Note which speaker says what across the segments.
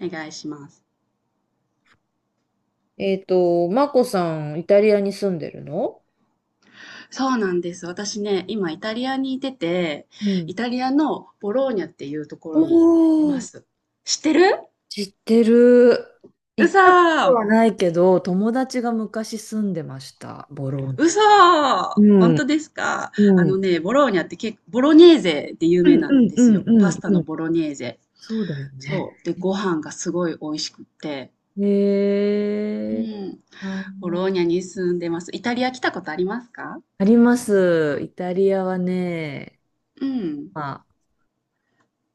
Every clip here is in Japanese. Speaker 1: お願いします。
Speaker 2: マコさん、イタリアに住んでるの？
Speaker 1: そうなんです。私ね、今イタリアにいてて、
Speaker 2: うん。
Speaker 1: イタリアのボローニャっていうとこ
Speaker 2: お
Speaker 1: ろにいま
Speaker 2: ー、
Speaker 1: す。知ってる？
Speaker 2: 知ってる。
Speaker 1: う
Speaker 2: 行っ
Speaker 1: そ
Speaker 2: たこと
Speaker 1: ー、
Speaker 2: はないけど、友達が昔住んでました、ボローニ
Speaker 1: う
Speaker 2: ャ。
Speaker 1: そー、本当ですか？あのね、ボローニャって結構、ボロネーゼで有名なんで
Speaker 2: う
Speaker 1: す
Speaker 2: ん
Speaker 1: よ。
Speaker 2: う
Speaker 1: パ
Speaker 2: ん
Speaker 1: スタ
Speaker 2: う
Speaker 1: の
Speaker 2: ん。
Speaker 1: ボロネーゼ。
Speaker 2: そうだよね。
Speaker 1: そう。で、ご飯がすごい美味しくって。う
Speaker 2: えー、
Speaker 1: ん。
Speaker 2: あ
Speaker 1: ボ
Speaker 2: の、
Speaker 1: ローニャに住んでます。イタリア来たことありますか？
Speaker 2: あります。イタリアはね、
Speaker 1: うん。
Speaker 2: まあ、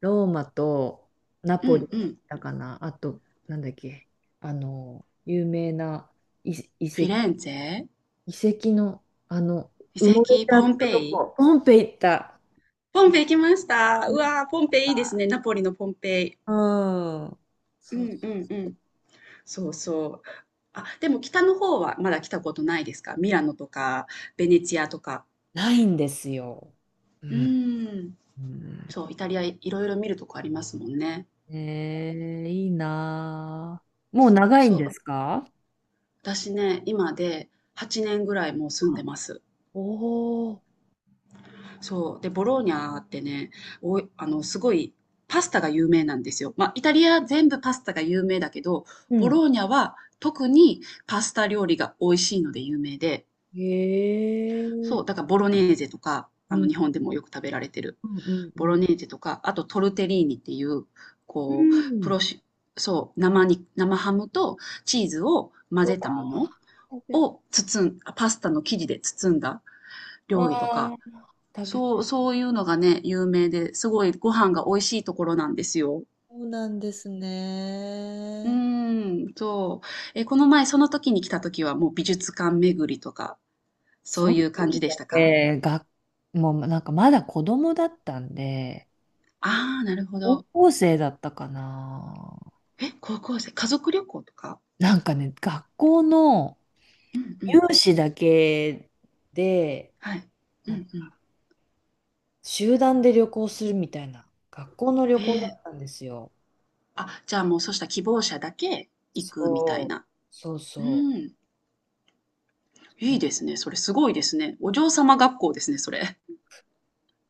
Speaker 2: ローマとナ
Speaker 1: う
Speaker 2: ポリに
Speaker 1: ん、う
Speaker 2: 行っ
Speaker 1: ん。
Speaker 2: たかな。あと、なんだっけ、あの、有名な遺、遺
Speaker 1: フィレ
Speaker 2: 跡。
Speaker 1: ンツェ？
Speaker 2: 遺跡の、あの、
Speaker 1: 遺
Speaker 2: 埋もれち
Speaker 1: 跡？
Speaker 2: ゃっ
Speaker 1: ポン
Speaker 2: た
Speaker 1: ペ
Speaker 2: と
Speaker 1: イ？
Speaker 2: こ、ポンペイ行った。
Speaker 1: ポンペイ行きました。
Speaker 2: う
Speaker 1: う
Speaker 2: ん。
Speaker 1: わー、ポンペイいいですね。ナポリのポンペイ。
Speaker 2: うん、
Speaker 1: う
Speaker 2: そう
Speaker 1: んう
Speaker 2: そ
Speaker 1: んう
Speaker 2: う。
Speaker 1: ん。そうそう。あ、でも北の方はまだ来たことないですか？ミラノとか、ベネチアとか。
Speaker 2: ないんですよ。う
Speaker 1: う
Speaker 2: ん。
Speaker 1: ん。
Speaker 2: うん。
Speaker 1: そう、イタリアいろいろ見るとこありますもんね。
Speaker 2: ええ、いいなあ。もう長いん
Speaker 1: そ
Speaker 2: で
Speaker 1: う、
Speaker 2: すか？
Speaker 1: 私ね、今で8年ぐらいもう住んでます。
Speaker 2: おおー。
Speaker 1: そう。で、ボローニャってね、おい、すごいパスタが有名なんですよ。まあ、イタリア全部パスタが有名だけど、
Speaker 2: う
Speaker 1: ボ
Speaker 2: ん。
Speaker 1: ローニャは特にパスタ料理が美味しいので有名で、
Speaker 2: へえ。
Speaker 1: そう、だからボロネーゼとか、
Speaker 2: うん。
Speaker 1: 日本でもよく食べられてる。
Speaker 2: うんうんう
Speaker 1: ボロ
Speaker 2: ん。
Speaker 1: ネーゼとか、あとトルテリーニっていう、
Speaker 2: う
Speaker 1: こう、プ
Speaker 2: ん。
Speaker 1: ロシ、そう、生ハムとチーズを混
Speaker 2: うわ、
Speaker 1: ぜたもの
Speaker 2: 食べ、
Speaker 1: を包ん、あパスタの生地で包んだ料理と
Speaker 2: あ
Speaker 1: か、
Speaker 2: あ、食べ、
Speaker 1: そう、そういうのがね、有名で、すごいご飯が美味しいところなんですよ。
Speaker 2: そうなんです
Speaker 1: う
Speaker 2: ね。
Speaker 1: ーん、そう。え、この前、その時に来た時はもう美術館巡りとか、そ
Speaker 2: そ
Speaker 1: う
Speaker 2: の
Speaker 1: いう感
Speaker 2: 時
Speaker 1: じでし
Speaker 2: は
Speaker 1: たか？
Speaker 2: ね、もうなんかまだ子供だったんで、
Speaker 1: ああー、なるほ
Speaker 2: 高
Speaker 1: ど。
Speaker 2: 校生だったかな。
Speaker 1: え、高校生、家族旅行とか？
Speaker 2: なんかね、学校の
Speaker 1: うんうん。
Speaker 2: 有志だけで、
Speaker 1: はい。うん
Speaker 2: なんか
Speaker 1: うん。
Speaker 2: 集団で旅行するみたいな、学校の旅
Speaker 1: え
Speaker 2: 行だ
Speaker 1: え、
Speaker 2: ったんですよ。
Speaker 1: あ、じゃあもうそうした希望者だけ行くみた
Speaker 2: そ
Speaker 1: い
Speaker 2: う、
Speaker 1: な。
Speaker 2: そう
Speaker 1: う
Speaker 2: そ
Speaker 1: ん。いい
Speaker 2: う。
Speaker 1: ですね。それすごいですね。お嬢様学校ですね、それ。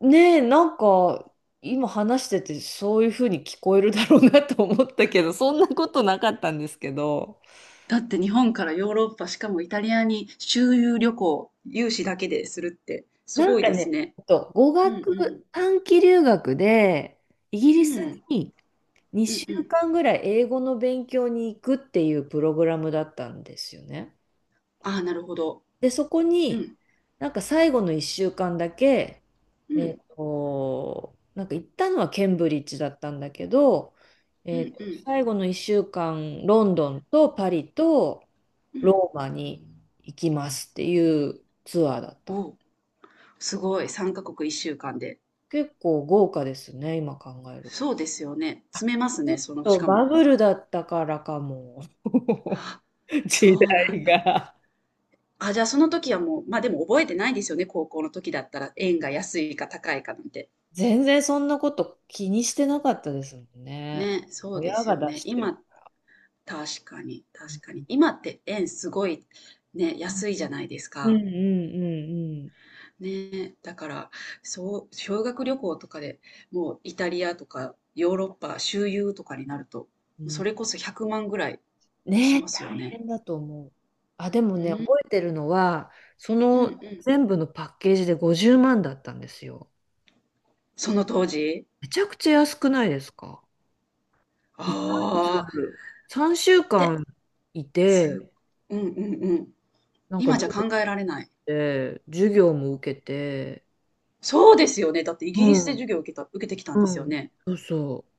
Speaker 2: ねえ、なんか、今話しててそういうふうに聞こえるだろうなと思ったけど、そんなことなかったんですけど。
Speaker 1: だって日本からヨーロッパ、しかもイタリアに周遊旅行、有資だけでするってす
Speaker 2: なん
Speaker 1: ごい
Speaker 2: か
Speaker 1: です
Speaker 2: ね、
Speaker 1: ね。
Speaker 2: 語
Speaker 1: うん
Speaker 2: 学、短期留学で、イギ
Speaker 1: う
Speaker 2: リ
Speaker 1: ん。
Speaker 2: ス
Speaker 1: うん。
Speaker 2: に
Speaker 1: うん
Speaker 2: 2
Speaker 1: う
Speaker 2: 週
Speaker 1: ん。
Speaker 2: 間ぐらい英語の勉強に行くっていうプログラムだったんですよね。
Speaker 1: ああ、なるほど。
Speaker 2: で、そこ
Speaker 1: う
Speaker 2: に、
Speaker 1: ん。
Speaker 2: なんか最後の1週間だけ、
Speaker 1: うん。
Speaker 2: なんか行ったのはケンブリッジだったんだけど、
Speaker 1: うんうん
Speaker 2: 最後の1週間、ロンドンとパリと
Speaker 1: うん。
Speaker 2: ローマに行きますっていうツアーだった
Speaker 1: お
Speaker 2: の。
Speaker 1: お、すごい。3カ国1週間で。
Speaker 2: 結構豪華ですね、今考えると。
Speaker 1: そうですよね。詰めます
Speaker 2: ちょ
Speaker 1: ね、
Speaker 2: っ
Speaker 1: その、し
Speaker 2: と
Speaker 1: か
Speaker 2: バ
Speaker 1: も。
Speaker 2: ブルだったからかも。
Speaker 1: あ、そ
Speaker 2: 時
Speaker 1: うなん
Speaker 2: 代
Speaker 1: だ。
Speaker 2: が。
Speaker 1: あ、じゃあその時はもう、まあでも覚えてないですよね。高校の時だったら円が安いか高いかなんて。
Speaker 2: 全然そんなこと気にしてなかったですもんね。
Speaker 1: ね、そうで
Speaker 2: 親
Speaker 1: す
Speaker 2: が
Speaker 1: よ
Speaker 2: 出
Speaker 1: ね。
Speaker 2: してる。
Speaker 1: 今確かに、確かに。今って円すごいね、
Speaker 2: うん
Speaker 1: 安いじゃないです
Speaker 2: うんう
Speaker 1: か。
Speaker 2: んう
Speaker 1: ね、だから、そう、修学旅行とかでもうイタリアとかヨーロッパ周遊とかになると、
Speaker 2: んうん。う
Speaker 1: そ
Speaker 2: ん、
Speaker 1: れこそ100万ぐらい
Speaker 2: ね
Speaker 1: しま
Speaker 2: え、
Speaker 1: すよ
Speaker 2: 大
Speaker 1: ね。
Speaker 2: 変だと思う。あ、でも
Speaker 1: う
Speaker 2: ね、
Speaker 1: ん、
Speaker 2: 覚えてるのは、そ
Speaker 1: うん、
Speaker 2: の
Speaker 1: うん。
Speaker 2: 全部のパッケージで50万だったんですよ。
Speaker 1: その当時
Speaker 2: めちゃくちゃ安くないですか？ 1ヶ月 ヶ
Speaker 1: ああ
Speaker 2: 月、3週
Speaker 1: ー、で、
Speaker 2: 間い
Speaker 1: す、
Speaker 2: て、
Speaker 1: うん、うん、うん。
Speaker 2: なんか
Speaker 1: 今
Speaker 2: ど
Speaker 1: じゃ考えられない。
Speaker 2: て、授業も受けて、
Speaker 1: そうですよね。だってイ
Speaker 2: う
Speaker 1: ギリスで授
Speaker 2: ん、
Speaker 1: 業を受けた、受けてきたんで
Speaker 2: う
Speaker 1: すよ
Speaker 2: ん。
Speaker 1: ね。
Speaker 2: そうそう。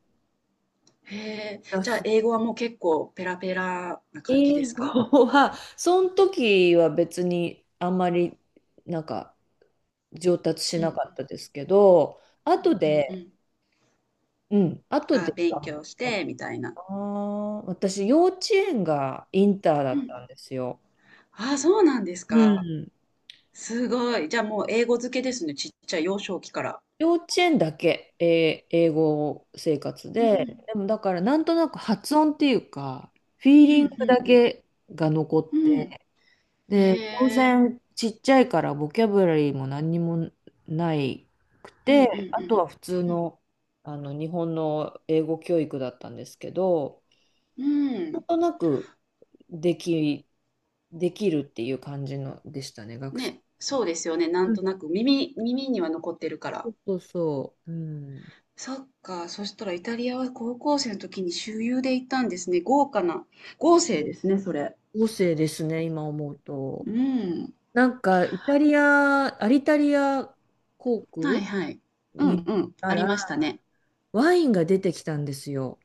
Speaker 1: へえ、
Speaker 2: だ
Speaker 1: じゃあ
Speaker 2: し
Speaker 1: 英語はもう結構ペラペラな感じで
Speaker 2: 英
Speaker 1: すか？
Speaker 2: 語は、その時は別にあんまり、なんか上達し
Speaker 1: う
Speaker 2: な
Speaker 1: ん、
Speaker 2: かったですけど、後
Speaker 1: うん、うん、う
Speaker 2: で、
Speaker 1: ん。
Speaker 2: うん、後
Speaker 1: あ、
Speaker 2: で
Speaker 1: 勉
Speaker 2: か
Speaker 1: 強し
Speaker 2: な、
Speaker 1: て、みたいな。
Speaker 2: 私、幼稚園がインターだ
Speaker 1: う
Speaker 2: っ
Speaker 1: ん。
Speaker 2: たんですよ。
Speaker 1: あ、そうなんです
Speaker 2: う
Speaker 1: か。
Speaker 2: ん。
Speaker 1: すごい。じゃあもう英語漬けですね。ちっちゃい幼少期から。
Speaker 2: 幼稚園だけ、えー英語生活
Speaker 1: う
Speaker 2: で、
Speaker 1: ん、
Speaker 2: でもだからなんとなく発音っていうか、フィー
Speaker 1: うん、
Speaker 2: リン
Speaker 1: う
Speaker 2: グだ
Speaker 1: ん、
Speaker 2: けが残
Speaker 1: う
Speaker 2: っ
Speaker 1: ん。うん。
Speaker 2: て、で、
Speaker 1: へ
Speaker 2: 当
Speaker 1: え。
Speaker 2: 然ちっちゃいからボキャブラリーも何にもないく
Speaker 1: うん、う
Speaker 2: て、あ
Speaker 1: ん、
Speaker 2: とは普通
Speaker 1: うん。
Speaker 2: の、あの日本の英語教育だったんですけど、
Speaker 1: うん。う
Speaker 2: なん
Speaker 1: ん、
Speaker 2: となくでき、できるっていう感じのでしたね、学生時
Speaker 1: ね、
Speaker 2: 代
Speaker 1: そう
Speaker 2: は。
Speaker 1: ですよね。なん
Speaker 2: うん、
Speaker 1: となく耳、耳には残ってるか
Speaker 2: そ
Speaker 1: ら。
Speaker 2: うそうそう、うん。
Speaker 1: そっか。そしたらイタリアは高校生の時に周遊で行ったんですね。豪華な。豪勢ですね、それ。
Speaker 2: 合成ですね、今思う
Speaker 1: う
Speaker 2: と。
Speaker 1: ん。
Speaker 2: なんか、イタリア、アリタリア航
Speaker 1: はい
Speaker 2: 空
Speaker 1: はい。うん
Speaker 2: に行っ
Speaker 1: うん。あ
Speaker 2: た
Speaker 1: り
Speaker 2: ら、
Speaker 1: ましたね。
Speaker 2: ワインが出てきたんですよ。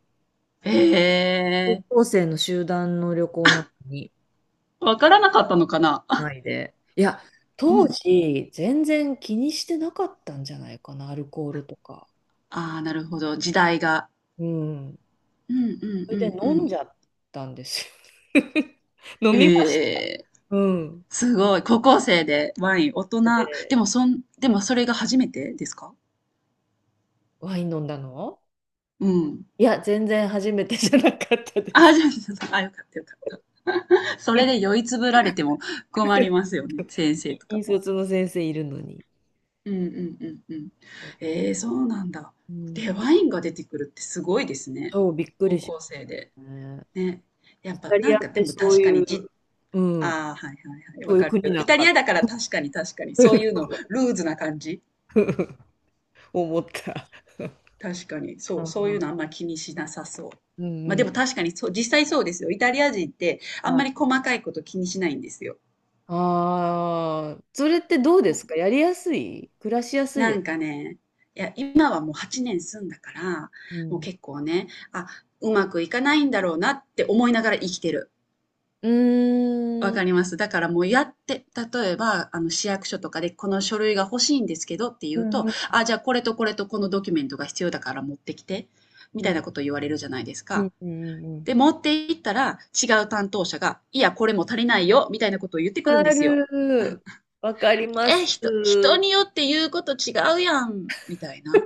Speaker 2: 高
Speaker 1: ええ
Speaker 2: 校生の集団の旅行なのに、
Speaker 1: ー。わからなかったのかな？
Speaker 2: ないで。いや、
Speaker 1: う
Speaker 2: 当
Speaker 1: ん。
Speaker 2: 時、全然気にしてなかったんじゃないかな、アルコールとか。
Speaker 1: ああ、なるほど、時代が。
Speaker 2: うん。
Speaker 1: うんうん
Speaker 2: そ
Speaker 1: う
Speaker 2: れで
Speaker 1: んう
Speaker 2: 飲ん
Speaker 1: ん。
Speaker 2: じゃったんですよ。飲みました。
Speaker 1: ええー、
Speaker 2: うん。
Speaker 1: すごい。高校生でワイン、大人
Speaker 2: で、
Speaker 1: でも、それが初めてですか？
Speaker 2: ワイン飲んだの、
Speaker 1: うん。
Speaker 2: いや、全然初めてじゃなかったで
Speaker 1: ああ、
Speaker 2: す。
Speaker 1: じゃあ、じゃあ、あ、かったよかった。それで酔いつぶられても困り ますよね、先生とか
Speaker 2: 引
Speaker 1: も。
Speaker 2: 率の先生いるのに。
Speaker 1: うんうんうんうん。
Speaker 2: う
Speaker 1: ええ、そうなんだ。で、
Speaker 2: ん、
Speaker 1: ワインが出てくるってすごいですね。
Speaker 2: そう、びっく
Speaker 1: 高
Speaker 2: りし
Speaker 1: 校
Speaker 2: まし
Speaker 1: 生
Speaker 2: た
Speaker 1: で。
Speaker 2: ね。
Speaker 1: ね。や
Speaker 2: イ
Speaker 1: っぱ
Speaker 2: タリ
Speaker 1: なん
Speaker 2: ア
Speaker 1: か
Speaker 2: っ
Speaker 1: で
Speaker 2: て
Speaker 1: も
Speaker 2: そう
Speaker 1: 確か
Speaker 2: い
Speaker 1: に
Speaker 2: う、
Speaker 1: じ、
Speaker 2: うん、
Speaker 1: ああ、はいはいはい、
Speaker 2: そ
Speaker 1: わ
Speaker 2: ういう
Speaker 1: か
Speaker 2: 国
Speaker 1: る。
Speaker 2: な
Speaker 1: イ
Speaker 2: ん
Speaker 1: タリ
Speaker 2: か
Speaker 1: アだから確かに確かに、そういうの、ルーズな感じ。
Speaker 2: 思った。
Speaker 1: 確かに、そ
Speaker 2: あ
Speaker 1: う、そういうのあん
Speaker 2: ー、
Speaker 1: ま気にしなさそう。
Speaker 2: うん
Speaker 1: まあ
Speaker 2: う
Speaker 1: で
Speaker 2: ん。
Speaker 1: も確かにそう、実際そうですよ。イタリア人ってあん
Speaker 2: は
Speaker 1: ま
Speaker 2: い。
Speaker 1: り細かいこと気にしないんですよ。
Speaker 2: ああ、それってどうですか？やりやすい、暮らしやすい
Speaker 1: な
Speaker 2: で
Speaker 1: んか
Speaker 2: す？
Speaker 1: ね、いや、今はもう8年住んだから、
Speaker 2: う
Speaker 1: もう
Speaker 2: ん。
Speaker 1: 結構ね、あ、うまくいかないんだろうなって思いながら生きてる。
Speaker 2: う
Speaker 1: わ
Speaker 2: ーん。
Speaker 1: かります。だからもうやって、例えば、市役所とかでこの書類が欲しいんですけどって
Speaker 2: う
Speaker 1: 言う
Speaker 2: ん
Speaker 1: と、
Speaker 2: うん
Speaker 1: あ、じゃあこれとこれとこのドキュメントが必要だから持ってきて、み
Speaker 2: う
Speaker 1: たい
Speaker 2: ん。
Speaker 1: なこと言われるじゃないです
Speaker 2: う
Speaker 1: か。
Speaker 2: んうんうん。
Speaker 1: で、持って行ったら違う担当者が、いや、これも足りないよ、みたいなことを言ってくる
Speaker 2: わ
Speaker 1: んで
Speaker 2: か
Speaker 1: すよ。
Speaker 2: る。わかりま
Speaker 1: え、
Speaker 2: す。
Speaker 1: 人によって言うこと違うやん、みたいな。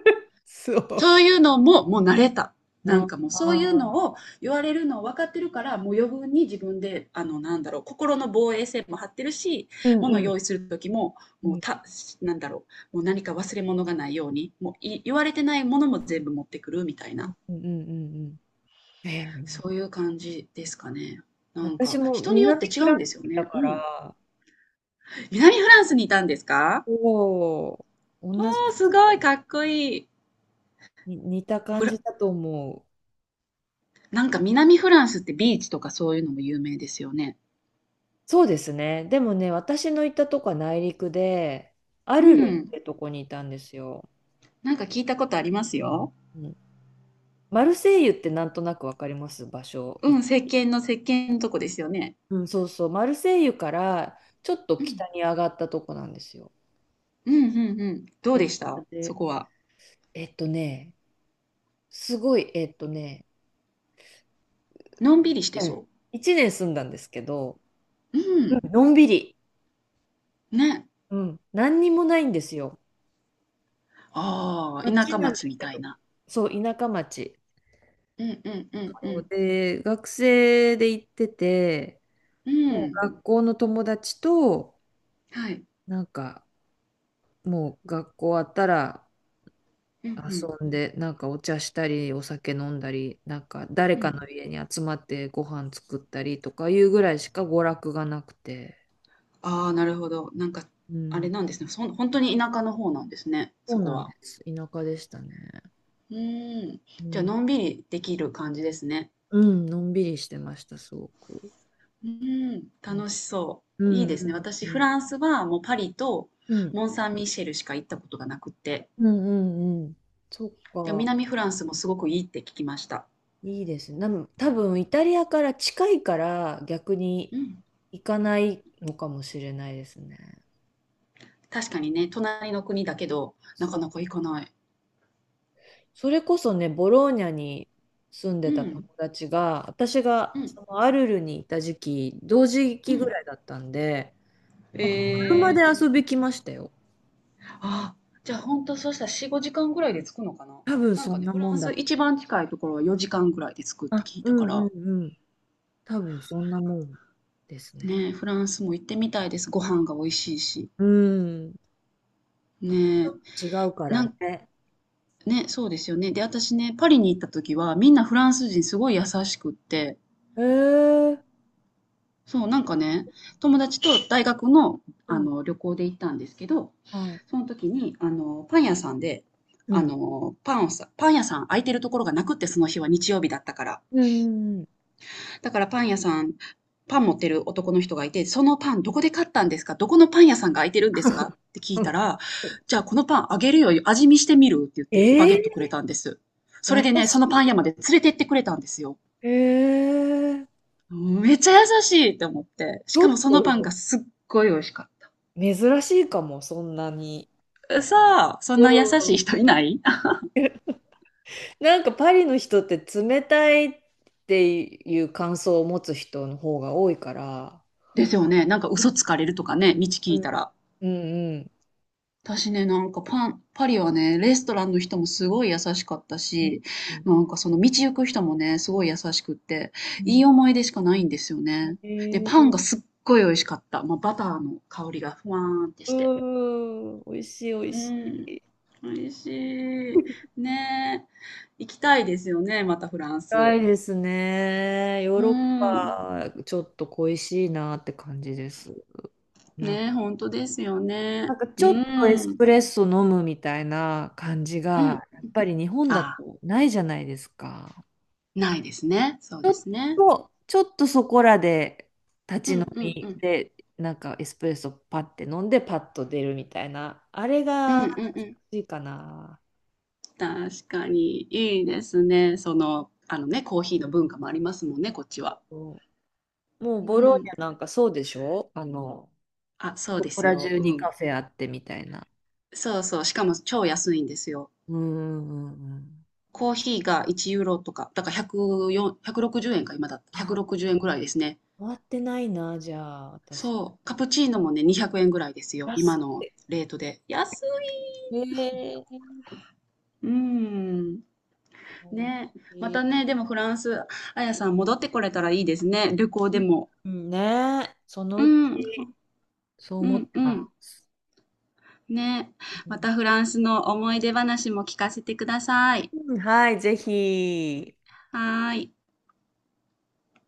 Speaker 1: そ
Speaker 2: そ
Speaker 1: ういうのも、もう慣れた。
Speaker 2: う。
Speaker 1: なんかもう
Speaker 2: あ
Speaker 1: そういう
Speaker 2: あ。
Speaker 1: のを言われるのを分かってるから、もう余分に自分で、なんだろう、心の防衛線も張ってるし、
Speaker 2: うん
Speaker 1: 物
Speaker 2: う
Speaker 1: を
Speaker 2: ん。
Speaker 1: 用意する時も、
Speaker 2: う
Speaker 1: もう
Speaker 2: ん
Speaker 1: た、なんだろう、もう何か忘れ物がないように、もうい言われてないものも全部持ってくるみたい
Speaker 2: う
Speaker 1: な、
Speaker 2: んうんうん。うん、えー、
Speaker 1: そういう感じですかね。なん
Speaker 2: 私
Speaker 1: か、
Speaker 2: も
Speaker 1: 人によって
Speaker 2: 南
Speaker 1: 違
Speaker 2: フラ
Speaker 1: う
Speaker 2: ン
Speaker 1: んですよ
Speaker 2: スだ
Speaker 1: ね。
Speaker 2: か
Speaker 1: うん。
Speaker 2: ら、
Speaker 1: 南フランスにいたんですか？
Speaker 2: おお、同じ
Speaker 1: お
Speaker 2: で
Speaker 1: ー、す
Speaker 2: す。
Speaker 1: ごい、かっこいい。
Speaker 2: に似た感
Speaker 1: フ
Speaker 2: じ
Speaker 1: ラ、
Speaker 2: だと思う。
Speaker 1: なんか南フランスってビーチとかそういうのも有名ですよね。
Speaker 2: そうですね。でもね、私の行ったとこは内陸で、ア
Speaker 1: う
Speaker 2: ルルっ
Speaker 1: ん。
Speaker 2: てとこにいたんですよ。
Speaker 1: なんか聞いたことありますよ。
Speaker 2: うん、マルセイユってなんとなくわかります場所。
Speaker 1: うん、
Speaker 2: い、
Speaker 1: 石鹸のとこですよね。
Speaker 2: うん、そうそう。マルセイユからちょっと
Speaker 1: うん。
Speaker 2: 北に上がったとこなんですよ。
Speaker 1: うんうんうん。どう
Speaker 2: で、
Speaker 1: でしたそ
Speaker 2: で、
Speaker 1: こは。
Speaker 2: えっとね、すごい、
Speaker 1: のんびりして
Speaker 2: うん、
Speaker 1: そ
Speaker 2: 1年住んだんですけど、
Speaker 1: う。う
Speaker 2: うん、
Speaker 1: ん。
Speaker 2: のんびり。
Speaker 1: ね。
Speaker 2: うん、何にもないんですよ。
Speaker 1: ああ、田
Speaker 2: 街
Speaker 1: 舎
Speaker 2: なんだ
Speaker 1: 町み
Speaker 2: け
Speaker 1: たい
Speaker 2: ど。
Speaker 1: な。
Speaker 2: そう、田舎町。
Speaker 1: うんうんうんう
Speaker 2: そう
Speaker 1: ん。
Speaker 2: で、学生で行ってて、
Speaker 1: う
Speaker 2: もう
Speaker 1: ん。
Speaker 2: 学校の友達と、
Speaker 1: はい。
Speaker 2: なんか、もう学校終わったら
Speaker 1: うんうん
Speaker 2: 遊んで、なんかお茶したり、お酒飲んだり、なんか誰
Speaker 1: う
Speaker 2: かの
Speaker 1: ん。
Speaker 2: 家に集まってご飯作ったりとかいうぐらいしか娯楽がなくて、
Speaker 1: ああ、なるほど。なんか、
Speaker 2: う
Speaker 1: あれ
Speaker 2: ん、
Speaker 1: なんですね。そん、本当に田舎の方なんですね。
Speaker 2: そ
Speaker 1: そ
Speaker 2: う
Speaker 1: こ
Speaker 2: なんで
Speaker 1: は。
Speaker 2: す。田舎でしたね。
Speaker 1: うーん。
Speaker 2: う
Speaker 1: じゃあ、
Speaker 2: ん、
Speaker 1: のんびりできる感じですね。
Speaker 2: うん、のんびりしてました、すごく。
Speaker 1: うん、
Speaker 2: うん、
Speaker 1: 楽しそ
Speaker 2: う
Speaker 1: う。いいですね。
Speaker 2: ん、
Speaker 1: 私、
Speaker 2: う
Speaker 1: フ
Speaker 2: ん。
Speaker 1: ランスはもうパリと
Speaker 2: うん。
Speaker 1: モン・サン・ミシェルしか行ったことがなくって、
Speaker 2: うんうんうん。そっ
Speaker 1: でも
Speaker 2: か。
Speaker 1: 南フランスもすごくいいって聞きました。
Speaker 2: いいですね。で、多分イタリアから近いから逆に
Speaker 1: うん。
Speaker 2: 行かないのかもしれないですね。
Speaker 1: 確かにね、隣の国だけど、な
Speaker 2: そ、
Speaker 1: かなか行かない。
Speaker 2: それこそね、ボローニャに住ん
Speaker 1: う
Speaker 2: でた友
Speaker 1: ん、
Speaker 2: 達が、私
Speaker 1: う
Speaker 2: が
Speaker 1: ん、
Speaker 2: そのアルルにいた時期、同時
Speaker 1: う
Speaker 2: 期ぐ
Speaker 1: ん。
Speaker 2: らいだったんで、なんか車
Speaker 1: え
Speaker 2: で
Speaker 1: ー、
Speaker 2: 遊び来ましたよ。
Speaker 1: あ、じゃあ本当そうしたら4、5時間ぐらいで着くのかな？
Speaker 2: 多分
Speaker 1: なん
Speaker 2: そ
Speaker 1: か
Speaker 2: ん
Speaker 1: ね、
Speaker 2: な
Speaker 1: フ
Speaker 2: も
Speaker 1: ラン
Speaker 2: ん
Speaker 1: ス
Speaker 2: だ。
Speaker 1: 一番近いところは4時間ぐらいで着くって
Speaker 2: あ、
Speaker 1: 聞い
Speaker 2: う
Speaker 1: たか
Speaker 2: ん
Speaker 1: ら、
Speaker 2: うんうん。多分そんなもんですね。
Speaker 1: ねえ、フランスも行ってみたいです。ご飯が美味しいし。
Speaker 2: うん。また
Speaker 1: ねえ、
Speaker 2: ちょっと違うから
Speaker 1: なん
Speaker 2: ね。
Speaker 1: ね、そうですよね。で、私ね、パリに行った時は、みんなフランス人すごい優しくって、
Speaker 2: えー、
Speaker 1: そう、なんかね、友達と大学の、
Speaker 2: うん。
Speaker 1: 旅行で行ったんですけど、
Speaker 2: はい。
Speaker 1: その時に、パン屋さんで、
Speaker 2: うん。
Speaker 1: パンをさ、パン屋さん空いてるところがなくって、その日は日曜日だったから。
Speaker 2: うんうん
Speaker 1: だからパン屋さん、パン持ってる男の人がいて、そのパンどこで買ったんですか？どこのパン屋さんが開いてるんですか？って聞
Speaker 2: う
Speaker 1: いたら、
Speaker 2: ん
Speaker 1: じゃ あこのパンあげるよ、味見してみるって言ってバ
Speaker 2: え
Speaker 1: ゲットく
Speaker 2: え、
Speaker 1: れたんです。そ
Speaker 2: 優
Speaker 1: れ
Speaker 2: し
Speaker 1: でね、そのパン屋まで連れてってくれたんですよ。
Speaker 2: い。えー、
Speaker 1: めっちゃ優しいって思って。
Speaker 2: ち
Speaker 1: し
Speaker 2: ょ
Speaker 1: かも
Speaker 2: っ
Speaker 1: そのパン
Speaker 2: と
Speaker 1: がすっごい美味しかっ
Speaker 2: 珍しいかも、そんなに。
Speaker 1: た。さあ、そん
Speaker 2: う
Speaker 1: な優しい
Speaker 2: ん。
Speaker 1: 人いない
Speaker 2: なんかパリの人って冷たいっていう感想を持つ人の方が多いから。
Speaker 1: ですよね。なんか
Speaker 2: うん
Speaker 1: 嘘つかれるとかね、道聞
Speaker 2: う
Speaker 1: いたら。
Speaker 2: んうん
Speaker 1: 私ね、パリはね、レストランの人もすごい優しかった
Speaker 2: うん。
Speaker 1: し、
Speaker 2: うん
Speaker 1: なんかその道行く人もね、すごい優しくって、
Speaker 2: う
Speaker 1: い
Speaker 2: ん、
Speaker 1: い思い出しかないんですよね。で、
Speaker 2: え
Speaker 1: パン
Speaker 2: ー、
Speaker 1: がすっごい美味しかった。まあ、バターの香りがふわーんって
Speaker 2: う
Speaker 1: して。
Speaker 2: ん、美味しい美味
Speaker 1: う
Speaker 2: しい。
Speaker 1: ん、美味しい。ねえ、行きたいですよね、またフラン
Speaker 2: 辛い
Speaker 1: ス。
Speaker 2: ですね。ヨー
Speaker 1: う
Speaker 2: ロッ
Speaker 1: ん、
Speaker 2: パ、ちょっと恋しいなって感じです。な、
Speaker 1: ねえ、本当ですよ
Speaker 2: なん
Speaker 1: ね。
Speaker 2: かち
Speaker 1: う
Speaker 2: ょっとエス
Speaker 1: ん、
Speaker 2: プレッソ飲むみたいな感じ
Speaker 1: うん。
Speaker 2: が、やっぱり日本だ
Speaker 1: ああ、
Speaker 2: とないじゃないですか。
Speaker 1: ないですね。そうですね。
Speaker 2: と、ちょっとそこらで
Speaker 1: う
Speaker 2: 立ち飲
Speaker 1: ん、うん、う
Speaker 2: み
Speaker 1: ん。
Speaker 2: で、なんかエスプレッソパッて飲んでパッと出るみたいな、あれ
Speaker 1: うん、
Speaker 2: が
Speaker 1: うん、うん。
Speaker 2: いいかな。
Speaker 1: 確かに、いいですね。その、あのね、コーヒーの文化もありますもんね、こっちは。
Speaker 2: そう、もう
Speaker 1: う
Speaker 2: ボローニ
Speaker 1: ん。
Speaker 2: ャなんかそうでしょ？あの、
Speaker 1: あ、そう
Speaker 2: そ
Speaker 1: で
Speaker 2: こ
Speaker 1: す
Speaker 2: ら
Speaker 1: よ。
Speaker 2: 中
Speaker 1: う
Speaker 2: に
Speaker 1: ん。
Speaker 2: カフェあってみたいな。
Speaker 1: そうそう。しかも超安いんですよ。
Speaker 2: うんうんうんうん。
Speaker 1: コーヒーが1ユーロとか、だから104、160円か、今だ。
Speaker 2: あ、
Speaker 1: 160円ぐらいですね。
Speaker 2: 終わってないな、じゃあ、私。
Speaker 1: そう。カプチーノもね、200円ぐらいですよ。今
Speaker 2: 安い。
Speaker 1: のレートで。安い。
Speaker 2: えー、
Speaker 1: うん。
Speaker 2: うん
Speaker 1: ね。またね、でもフランス、あやさん戻ってこれたらいいですね。旅行でも。
Speaker 2: うん、ねえ、その
Speaker 1: う
Speaker 2: うち。
Speaker 1: ん。う
Speaker 2: そう思って
Speaker 1: ん、う
Speaker 2: ま
Speaker 1: ん。
Speaker 2: す。
Speaker 1: ね。またフランスの思い出話も聞かせてください。
Speaker 2: うん、はい、ぜひ。
Speaker 1: はーい。